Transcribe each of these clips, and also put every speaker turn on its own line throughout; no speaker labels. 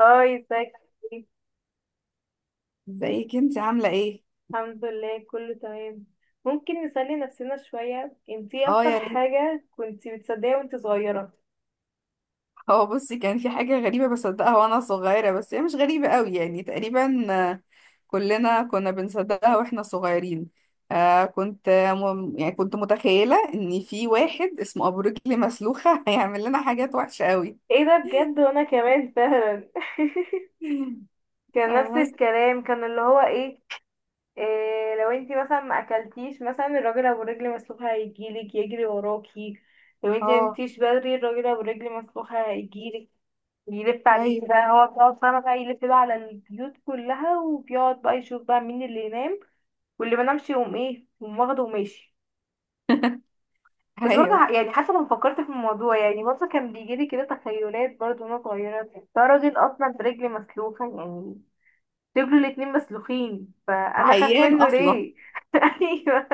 هاي، ازيك؟ عامل ايه؟
ازيك انت عاملة ايه؟
الحمد لله، كله تمام. ممكن نسلي نفسنا شوية، انتي ايه
اه
اكتر
يا ريت.
حاجة كنتي بتصدقيها وانتي صغيرة؟
هو بصي كان في حاجة غريبة بصدقها وانا صغيرة، بس هي مش غريبة قوي يعني تقريبا كلنا كنا بنصدقها واحنا صغيرين. آه كنت يعني كنت متخيلة ان في واحد اسمه ابو رجل مسلوخة هيعمل لنا حاجات وحشة قوي.
ايه ده؟ بجد وانا كمان فعلا. كان
آه،
نفس
بس
الكلام، كان اللي هو ايه، إيه؟ لو انتي مثلا ما اكلتيش، مثلا الراجل ابو رجل مسلوخة هيجيلك يجري وراكي. لو انتي
اه
مقمتيش بدري الراجل ابو رجل مسلوخة هيجيلك، يلف عليكي
ايوه
بقى. هو بيقعد فاهمة بقى يلف بقى على البيوت كلها، وبيقعد بقى يشوف بقى مين اللي ينام واللي بنامش يقوم ايه، يقوم واخده وماشي. بس برضه
ايوه.
يعني حتى لما فكرت في الموضوع يعني برضه كان بيجيلي كده تخيلات، برضه وانا صغيرة. ده راجل اصلا برجل مسلوخة يعني، رجله الاتنين مسلوخين، فانا اخاف
عيان
منه
اصلا.
ليه؟ ايوه.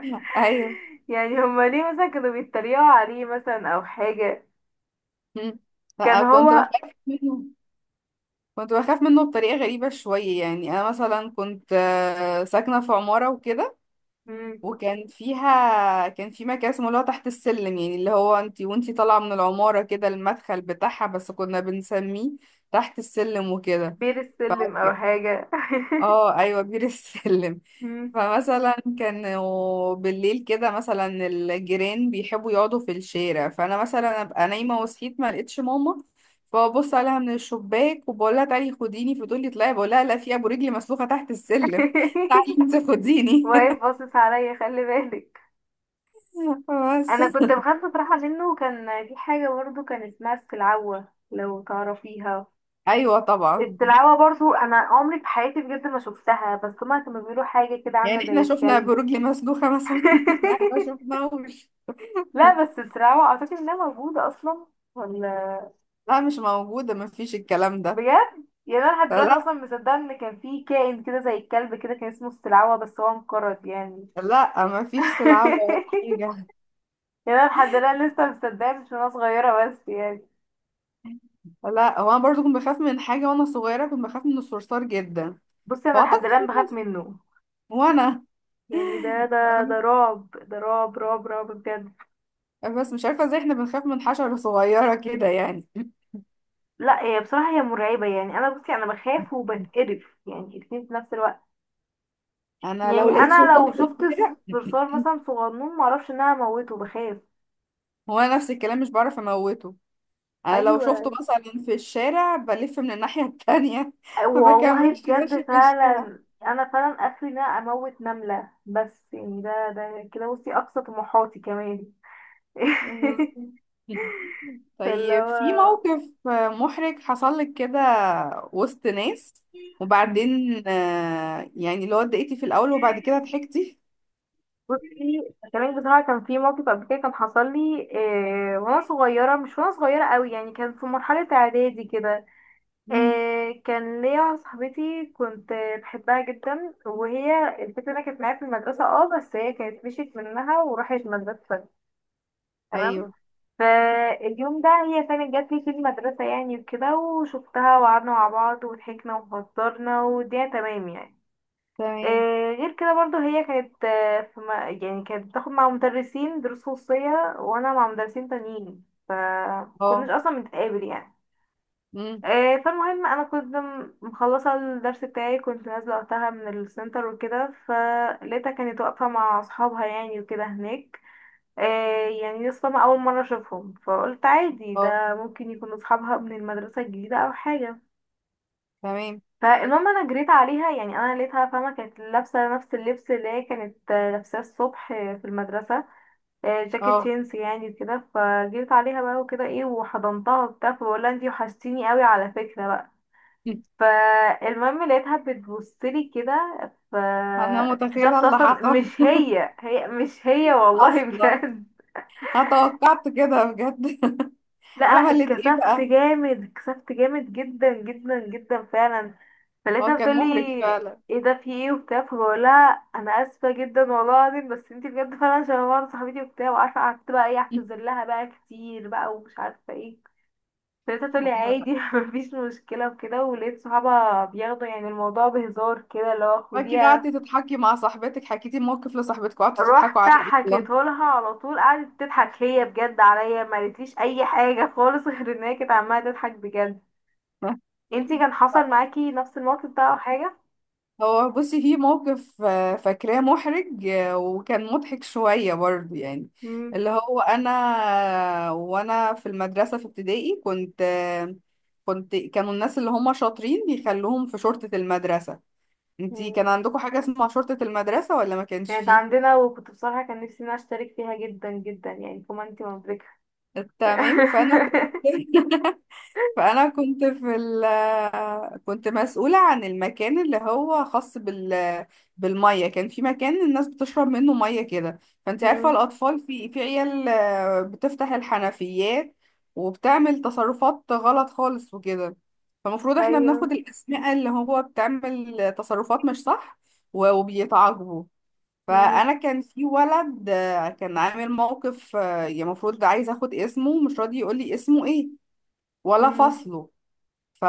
ايوه.
يعني هما ليه مثلا كانوا بيتريقوا عليه مثلا او حاجة؟
م.
كان
لا كنت
هو.
بخاف منه. كنت بخاف منه بطريقة غريبة شوية، يعني أنا مثلا كنت ساكنة في عمارة وكده،
مم.
وكان فيها كان في مكان اسمه اللي هو تحت السلم، يعني اللي هو انتي وانتي طالعة من العمارة كده المدخل بتاعها، بس كنا بنسميه تحت السلم وكده.
بير السلم او حاجة.
اه ايوه بير السلم.
مم.
فمثلا كانوا بالليل كده مثلا الجيران بيحبوا يقعدوا في الشارع، فانا مثلا ابقى نايمه وصحيت ما لقيتش ماما، فببص عليها من الشباك وبقول لها تعالي خديني، فتقول لي اطلعي، بقول لها لا، في ابو رجلي مسلوخه تحت السلم، تعالي انت خديني.
واقف باصص عليا، خلي بالك.
بس.
انا كنت بخاف بصراحه منه. كان في حاجه برضو كان اسمها السلعوه، لو تعرفيها.
ايوه طبعا.
السلعوه برضو انا عمري في حياتي بجد ما شفتها، بس هما كانوا بيقولوا حاجه كده عامله
يعني
زي
احنا شفنا ابو
الكلب.
رجلي مسلوخه مثلا؟ احنا ما شفناهوش.
لا، بس السلعوه اعتقد انها موجوده اصلا، ولا؟
لا مش موجوده، ما فيش الكلام ده.
بجد، يعني انا لحد دلوقتي
فلا،
اصلا مصدقه ان كان في كائن كده زي الكلب كده كان اسمه السلعوه، بس هو انقرض يعني.
لا ما فيش سلعه ولا حاجه.
يعني انا لحد الان لسه مصدقه، مش وانا صغيره بس يعني.
لا هو انا برضو كنت بخاف من حاجه وانا صغيره، كنت بخاف من الصرصار جدا.
بصي، انا لحد
فاعتقد في
الان بخاف
ناس-
منه.
وانا
يعني ده رعب، ده رعب رعب رعب بجد.
بس مش عارفه ازاي احنا بنخاف من حشره صغيره كده يعني.
لا، هي بصراحة هي مرعبة. يعني انا بصي انا بخاف وبتقرف يعني، الاتنين في نفس الوقت.
انا
يعني
لو لقيت
انا لو
صرصار في
شفت
الشارع
صرصار مثلا صغنون، معرفش ان انا اموته، بخاف.
هو أنا نفس الكلام مش بعرف اموته. انا لو شفته
ايوه،
مثلا في الشارع بلف من الناحيه التانية، ما
والله
بكملش
بجد
ماشي في الشارع.
فعلا، انا فعلا اخري ان انا اموت نملة بس، يعني ده كده. بصي اقصى طموحاتي كمان.
بالظبط.
فاللي
طيب في
هو
موقف محرج حصل لك كده وسط ناس، وبعدين يعني اللي هو اتضايقتي في الأول وبعد كده ضحكتي؟
بصي، كلامك بصراحة. كان في موقف قبل كده كان حصل لي، وانا صغيرة، مش وانا صغيرة قوي يعني، كان في مرحلة اعدادي كده.
مم.
كان ليا واحدة صاحبتي، كنت بحبها جدا. وهي الفكرة انها كانت معايا في المدرسة، بس هي كانت مشيت منها وراحت مدرسة تانية، تمام.
أيوه.
فاليوم ده هي كانت جات لي في المدرسة يعني، وكده وشفتها وقعدنا مع بعض وضحكنا وهزرنا والدنيا تمام يعني.
تمام.
غير كده برضو هي كانت في يعني كانت بتاخد مع مدرسين دروس خصوصية، وانا مع مدرسين تانيين، فكناش
اه.
اصلا بنتقابل يعني.
مم.
فالمهم انا كنت مخلصة الدرس بتاعي، كنت نازلة وقتها من السنتر وكده، فلقيتها كانت واقفة مع اصحابها يعني وكده هناك. يعني لسه ما اول مرة اشوفهم، فقلت عادي
اه.
ده ممكن يكون اصحابها من المدرسة الجديدة او حاجة.
تمام.
فالمهم انا جريت عليها يعني. انا لقيتها فاهمه، كانت لابسه نفس اللبس اللي هي كانت لابساه الصبح في المدرسه، جاكيت
اه.
جينز يعني كده. فجريت عليها بقى وكده، ايه، وحضنتها وبتاع، فبقول لها انتي وحشتيني قوي على فكره بقى. فالمهم لقيتها بتبصلي كده،
أنا متخيلة
فاكتشفت
اللي
اصلا
حصل.
مش هي. هي مش هي والله،
أصلا
بجد.
أتوقعت كده بجد.
لا لا،
عملت إيه
اتكسفت
بقى؟
جامد، اتكسفت جامد جدا جدا جدا فعلا.
هو
فلقيتها
كان
بتقولي
محرج فعلا.
ايه ده، في ايه، وبتاع، فبقولها انا اسفه جدا والله العظيم، بس انتي بجد فعلا شبه بعض صاحبتي وبتاع وعارفه، قعدت بقى ايه اعتذر لها بقى كتير بقى، ومش عارفه ايه. فلقيتها تقولي عادي، مفيش مشكله وكده. ولقيت صحابها بياخدوا يعني الموضوع بهزار كده، اللي هو
أكيد قعدتي
خديها.
تضحكي مع صاحبتك، حكيتي الموقف لصاحبتك وقعدتوا تضحكوا
رحت
عليه أصلا.
حكيته لها على طول، قعدت تضحك هي بجد عليا، ما قالتليش اي حاجه خالص غير ان هي كانت عماله تضحك بجد. انتي كان حصل معاكي نفس الموقف ده او حاجة؟
هو بصي في موقف فاكراه محرج وكان مضحك شوية برضه يعني.
مم.
اللي هو أنا وأنا في المدرسة في ابتدائي كنت كانوا الناس اللي هم شاطرين بيخلوهم في شرطة المدرسة. انتي
مم.
كان عندكم حاجة اسمها شرطة المدرسة ولا ما كانش
كانت
فيه؟
عندنا، وكنت بصراحة كان نفسي ان انا اشترك فيها جدا جدا يعني، فما انتي مبركة.
تمام، فأنا كنت فانا كنت في ال كنت مسؤوله عن المكان اللي هو خاص بالميه. كان في مكان الناس بتشرب منه ميه كده. فانت عارفه
مم.
الاطفال في عيال بتفتح الحنفيات وبتعمل تصرفات غلط خالص وكده. فالمفروض احنا
ايوه.
بناخد الاسماء اللي هو بتعمل تصرفات مش صح، و- وبيتعاقبوا.
مم.
فانا كان في ولد كان عامل موقف يعني المفروض عايز اخد اسمه، مش راضي يقول لي اسمه ايه ولا
مم.
فصله. ف...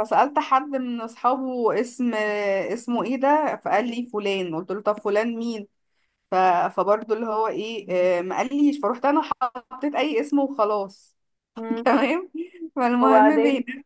فسألت حد من أصحابه اسمه ايه ده، فقال لي فلان، قلت له طب فلان مين؟ ف... فبرضه اللي هو ايه ما قاليش، فروحت انا حطيت اي اسم وخلاص.
مم.
تمام. فالمهم
وبعدين؟
بينا،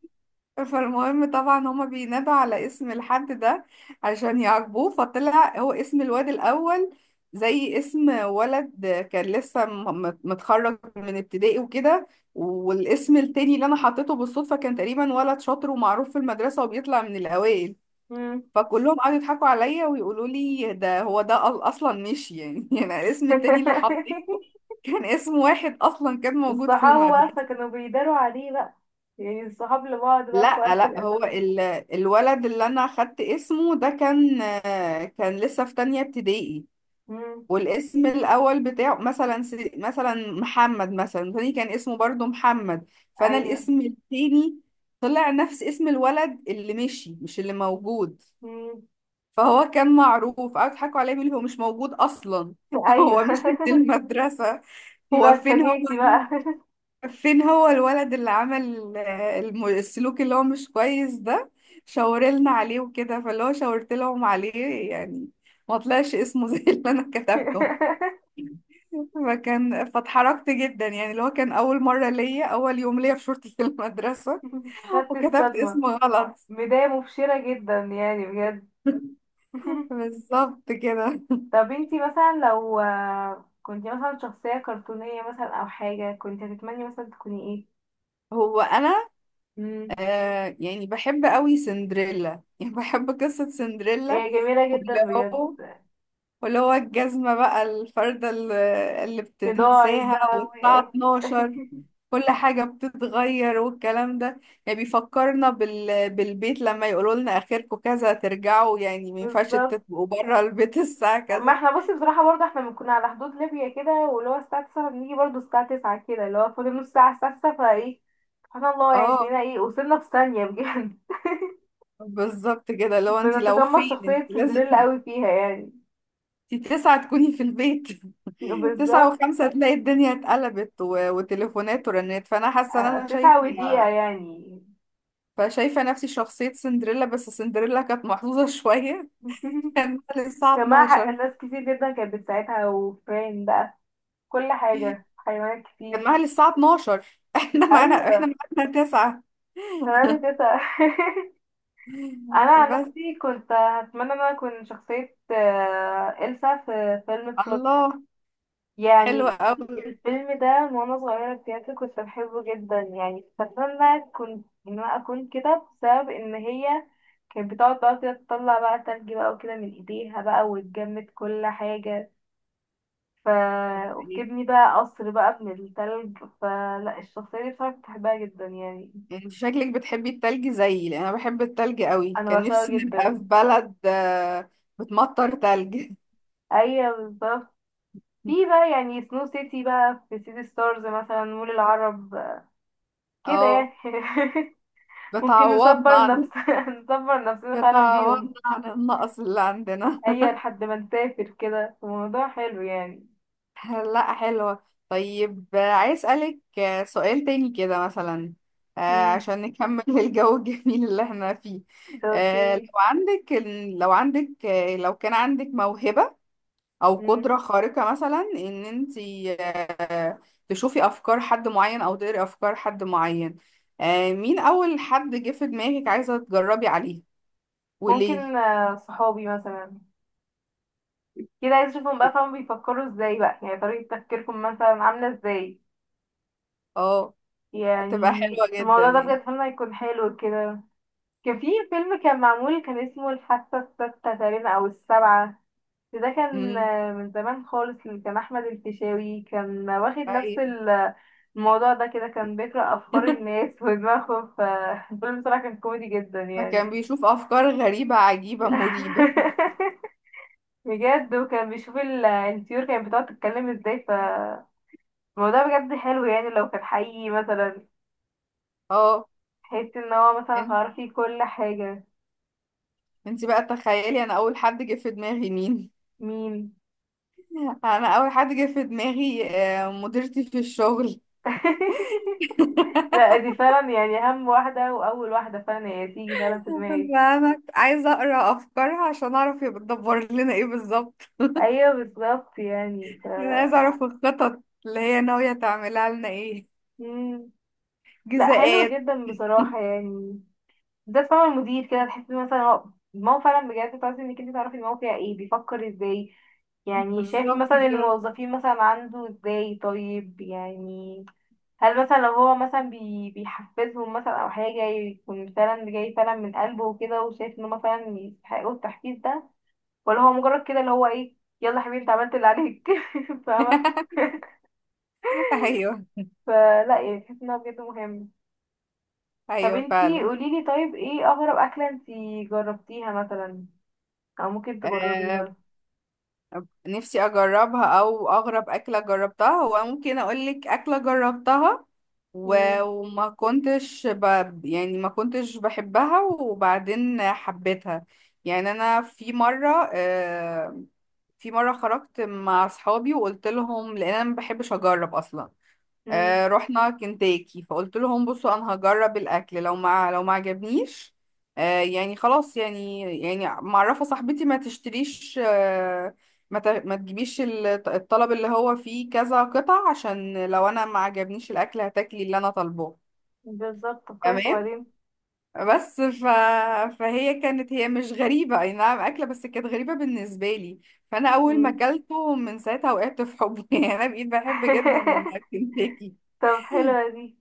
فالمهم طبعا هما بينادوا على اسم الحد ده عشان يعاقبوه، فطلع هو اسم الواد الأول زي اسم ولد كان لسه متخرج من ابتدائي وكده. والاسم التاني اللي أنا حطيته بالصدفة كان تقريبا ولد شاطر ومعروف في المدرسة وبيطلع من الأوائل.
مم.
فكلهم قعدوا يضحكوا عليا ويقولوا لي ده هو ده أصلا مش يعني، يعني الاسم التاني اللي حطيته كان اسم واحد أصلا كان موجود في
الصحاب بقى،
المدرسة.
فكانوا بيداروا عليه بقى، يعني الصحاب لبعض بقى في
لا
وقت
لا،
الأزمات.
الولد اللي انا اخدت اسمه ده كان كان لسه في تانية ابتدائي،
مم.
والاسم الاول بتاعه مثلا مثلا محمد، مثلا تاني كان اسمه برضو محمد، فانا
أيوه.
الاسم التاني طلع نفس اسم الولد اللي مشي مش اللي موجود.
مم.
فهو كان معروف، قعدوا يضحكوا عليه بيقولوا هو مش موجود اصلا،
أيوه.
هو مشي من المدرسة.
دي
هو
بقى
فين،
اتفاجئتي بقى.
فين هو الولد اللي عمل السلوك اللي هو مش كويس ده؟
مم.
شاورلنا عليه وكده، فاللي هو شاورت لهم عليه يعني، ما طلعش اسمه زي اللي انا كتبته. فكان، فاتحرجت جدا يعني، اللي هو كان اول مره ليا، اول يوم ليا في شورتي في المدرسه،
خدت
وكتبت
الصدمة،
اسمه غلط.
بداية مبشرة جدا يعني بجد.
بالظبط كده.
طب انتي مثلا لو كنتي مثلا شخصية كرتونية مثلا او حاجة، كنتي هتتمني مثلا تكوني ايه؟
هو انا
مم.
آه، يعني بحب قوي سندريلا، يعني بحب قصة سندريلا.
هي جميلة جدا
واللي
بجد.
هو واللي هو الجزمة بقى الفردة اللي
لداعي
بتنساها
بقى
والساعة
وقعت.
12 كل حاجة بتتغير والكلام ده. يعني بيفكرنا بال... بالبيت لما يقولوا لنا آخركم كذا ترجعوا، يعني ما ينفعش
بالظبط.
تبقوا بره البيت الساعة
ما
كذا.
احنا بصي بصراحة برضه احنا بنكون على حدود ليبيا كده، واللي هو الساعة 9 بنيجي، برضه الساعة 9 كده اللي هو فاضل نص ساعة الساعة 9، فايه، سبحان الله، يعني
اه
تلاقينا ايه وصلنا في ثانية بجد.
بالظبط كده. لو انت، لو
بنتقمص
فين، انت
شخصية
لازم
سندريلا قوي فيها يعني.
انت تسعة تكوني في البيت. تسعة
بالظبط،
وخمسة تلاقي الدنيا اتقلبت وتليفونات ورنات، فأنا حاسة ان انا شايفة،
تسعة ودقيقة يعني.
فشايفة نفسي شخصية سندريلا. بس سندريلا كانت محظوظة شوية، كان معاها للساعة
جماعة حق،
12.
ناس كتير جدا كانت بتساعدها وفرين بقى، كل حاجة، حيوانات
كان معاها
كتير.
للساعة 12، احنا معانا احنا
أيوة،
معانا تسعة.
تمام كده. أنا عن
بس.
نفسي كنت هتمنى إن أنا أكون شخصية إلسا في فيلم فروزن.
الله، حلوة
يعني
قوي.
الفيلم ده من وأنا صغيرة بجد كنت بحبه جدا يعني. أتمنى كنت إن أنا أكون كده بسبب إن هي كانت بتقعد بقى كده تطلع بقى تلج بقى وكده من إيديها بقى، وتجمد كل حاجة ف... وبتبني بقى قصر بقى من التلج. فلا، الشخصية دي بصراحة بحبها جدا يعني،
انت شكلك بتحبي التلج زيي، لان انا بحب التلج قوي،
أنا
كان
بعشقها
نفسي نبقى في
جدا.
بلد بتمطر تلج.
أيوة بالظبط، في بقى يعني سنو سيتي بقى في سيتي ستارز مثلا، مول العرب كده
اه،
يعني. ممكن
بتعوضنا
نصبر
عن،
نفسنا، نصبر نفسنا فعلا
بتعوضنا
بيهم.
عن النقص اللي عندنا.
أيوة، لحد ما نسافر كده الموضوع حلو يعني.
لا حلوة. طيب آه، عايز أسألك آه، سؤال تاني كده مثلا آه،
مم.
عشان نكمل الجو الجميل اللي احنا فيه. آه، لو
اوكي.
عندك، لو عندك آه، لو كان عندك موهبة أو
مم.
قدرة خارقة مثلا، إن انتي تشوفي أفكار حد معين أو تقري أفكار حد معين مين أول حد جه في دماغك عايزة تجربي عليه وليه؟
ممكن صحابي مثلا كده، عايز اشوفهم بقى، فاهم، بيفكروا ازاي بقى، يعني طريقة تفكيركم مثلا عاملة ازاي
اه هتبقى
يعني.
حلوة جدا
الموضوع ده
يعني.
بجد فيلم هيكون حلو كده. كان في فيلم كان معمول كان اسمه الحاسة الستة تقريبا أو السبعة، ده كان
امم.
من زمان خالص، اللي كان أحمد الفيشاوي كان واخد نفس
أيوة.
الموضوع ده كده، كان بيقرأ أفكار الناس ودماغهم، فالفيلم بصراحة كان كوميدي جدا
فكان
يعني.
بيشوف افكار غريبة عجيبة مريبة.
بجد، وكان بيشوف الطيور كانت بتقعد تتكلم ازاي، فالموضوع بجد حلو يعني لو كان حقيقي مثلا.
اه.
تحس ان هو مثلا
إن
هتعرفي كل حاجة.
انت بقى تخيلي، انا اول حد جه في دماغي مين؟
مين؟
انا اول حد جه في دماغي مديرتي في الشغل.
لا دي فعلا يعني اهم واحدة واول واحدة فعلا هي تيجي فعلا في دماغي.
انا عايزة اقرا افكارها عشان اعرف هي بتدبر لنا ايه بالظبط.
ايوه بالظبط يعني.
انا عايزة اعرف الخطط اللي هي ناوية تعملها لنا ايه،
مم. لا، حلو
جزاءات.
جدا بصراحة يعني. ده فعلا المدير كده تحس مثلا هو، دماغه فعلا بجد، تعرفي انك انت تعرفي دماغه فيها ايه، بيفكر ازاي، يعني شايف
بالظبط
مثلا
كده.
الموظفين مثلا عنده ازاي، طيب يعني. هل مثلا لو هو مثلا بيحفزهم مثلا او حاجة، يكون فعلا جاي فعلا من قلبه وكده، وشايف ان هم فعلا يستحقوا التحفيز ده، ولا هو مجرد كده اللي هو ايه، يلا يا حبيبي انت عملت اللي عليك. فاهمة؟
ايوه
فلا يعني، تحس انه بجد مهم. طب
ايوه
انتي
فعلا.
قوليلي، طيب ايه اغرب اكلة انتي جربتيها مثلا او ممكن
آه،
تجربيها؟
نفسي اجربها. او اغرب اكله جربتها، هو ممكن اقولك اكله جربتها و-
مم.
وما كنتش يعني ما كنتش بحبها وبعدين حبيتها. يعني انا في مره آه، في مره خرجت مع اصحابي وقلت لهم، لان انا ما بحبش اجرب اصلا،
مم.
آه رحنا كنتاكي، فقلت لهم بصوا انا هجرب الاكل، لو ما عجبنيش، آه يعني خلاص، يعني معرفه صاحبتي ما تشتريش آه، ما تجيبيش الطلب اللي هو فيه كذا قطع، عشان لو انا ما عجبنيش الاكل هتاكلي اللي انا طالباه.
بالظبط. طب كويس،
تمام.
وبعدين.
بس ف... فهي كانت، هي مش غريبه اي نعم اكله، بس كانت غريبه بالنسبه لي، فانا اول ما
مم.
اكلته من ساعتها وقعت في حبه، يعني انا بقيت بحب جدا الكنتاكي.
طب حلوة دي،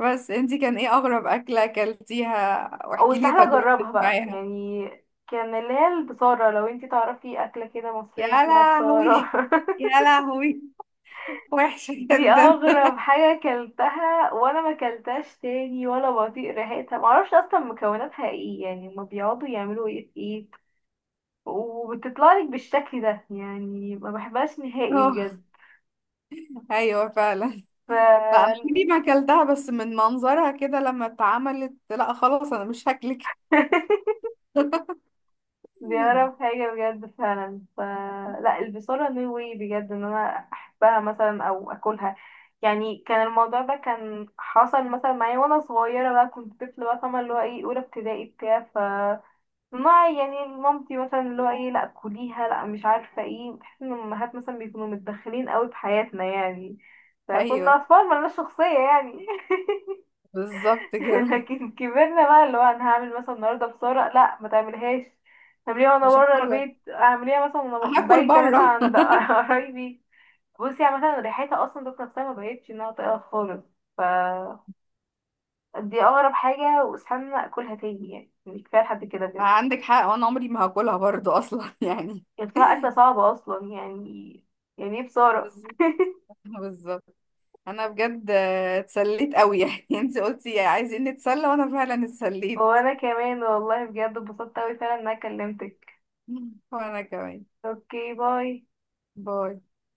بس انتي كان ايه اغرب اكلة اكلتيها؟
او
واحكي لي
سهلة اجربها
تجربتك
بقى
معاها.
يعني. كان اللي هي البصارة، لو انتي تعرفي اكلة كده
يا
مصرية اسمها بصارة.
لهوي، يا لهوي، وحشة
دي
جدا.
اغرب حاجة اكلتها، وانا ما اكلتهاش تاني، ولا بطيق ريحتها. معرفش اصلا مكوناتها ايه، يعني هما بيقعدوا يعملوا ايه في ايه، وبتطلع لك بالشكل ده. يعني ما بحبهاش نهائي
اه
بجد.
ايوه فعلا. لا انا
ف
دي ما اكلتها، بس من منظرها كده لما اتعملت لا خلاص انا مش هاكلك.
دي اغرب حاجة بجد فعلا. لا، البصارة نو واي بجد ان انا احبها مثلا او اكلها. يعني كان الموضوع ده كان حصل مثلا معايا وانا صغيرة بقى، كنت طفلة بقى، فاهمة اللي هو ايه، اولى ابتدائي بتاع. ما يعني مامتي مثلا، اللي هو ايه، لا كليها، لا، مش عارفه ايه، بحس ان الامهات مثلا بيكونوا متدخلين قوي في حياتنا، يعني فكنا
ايوه
اطفال ملناش شخصيه يعني.
بالظبط كده.
لكن كبرنا بقى، اللي هو انا هعمل مثلا النهارده بصاره، لا ما تعملهاش، اعمليها وانا
مش
بره
هاكلك،
البيت، اعمليها مثلا وانا
هاكل
بايته مثلا
بره.
عند قرايبي. بصي يعني مثلا ريحتها اصلا ذات نفسها ما بقتش انها طايقه خالص. ف دي اغرب حاجه، واستنى اكلها تاني، يعني كفايه لحد كده بجد.
عندك حق، وانا عمري ما هاكلها برضو اصلا يعني.
كانت بصراحة أكلة صعبة أصلا يعني. يعني إيه بصارة.
بالظبط، بالظبط. انا بجد آه، اتسليت قوي يعني، انت قلتي عايزين نتسلى وانا فعلا اتسليت.
وأنا كمان والله بجد اتبسطت أوي فعلا إن أنا كلمتك.
وانا كمان.
أوكي، باي.
باي.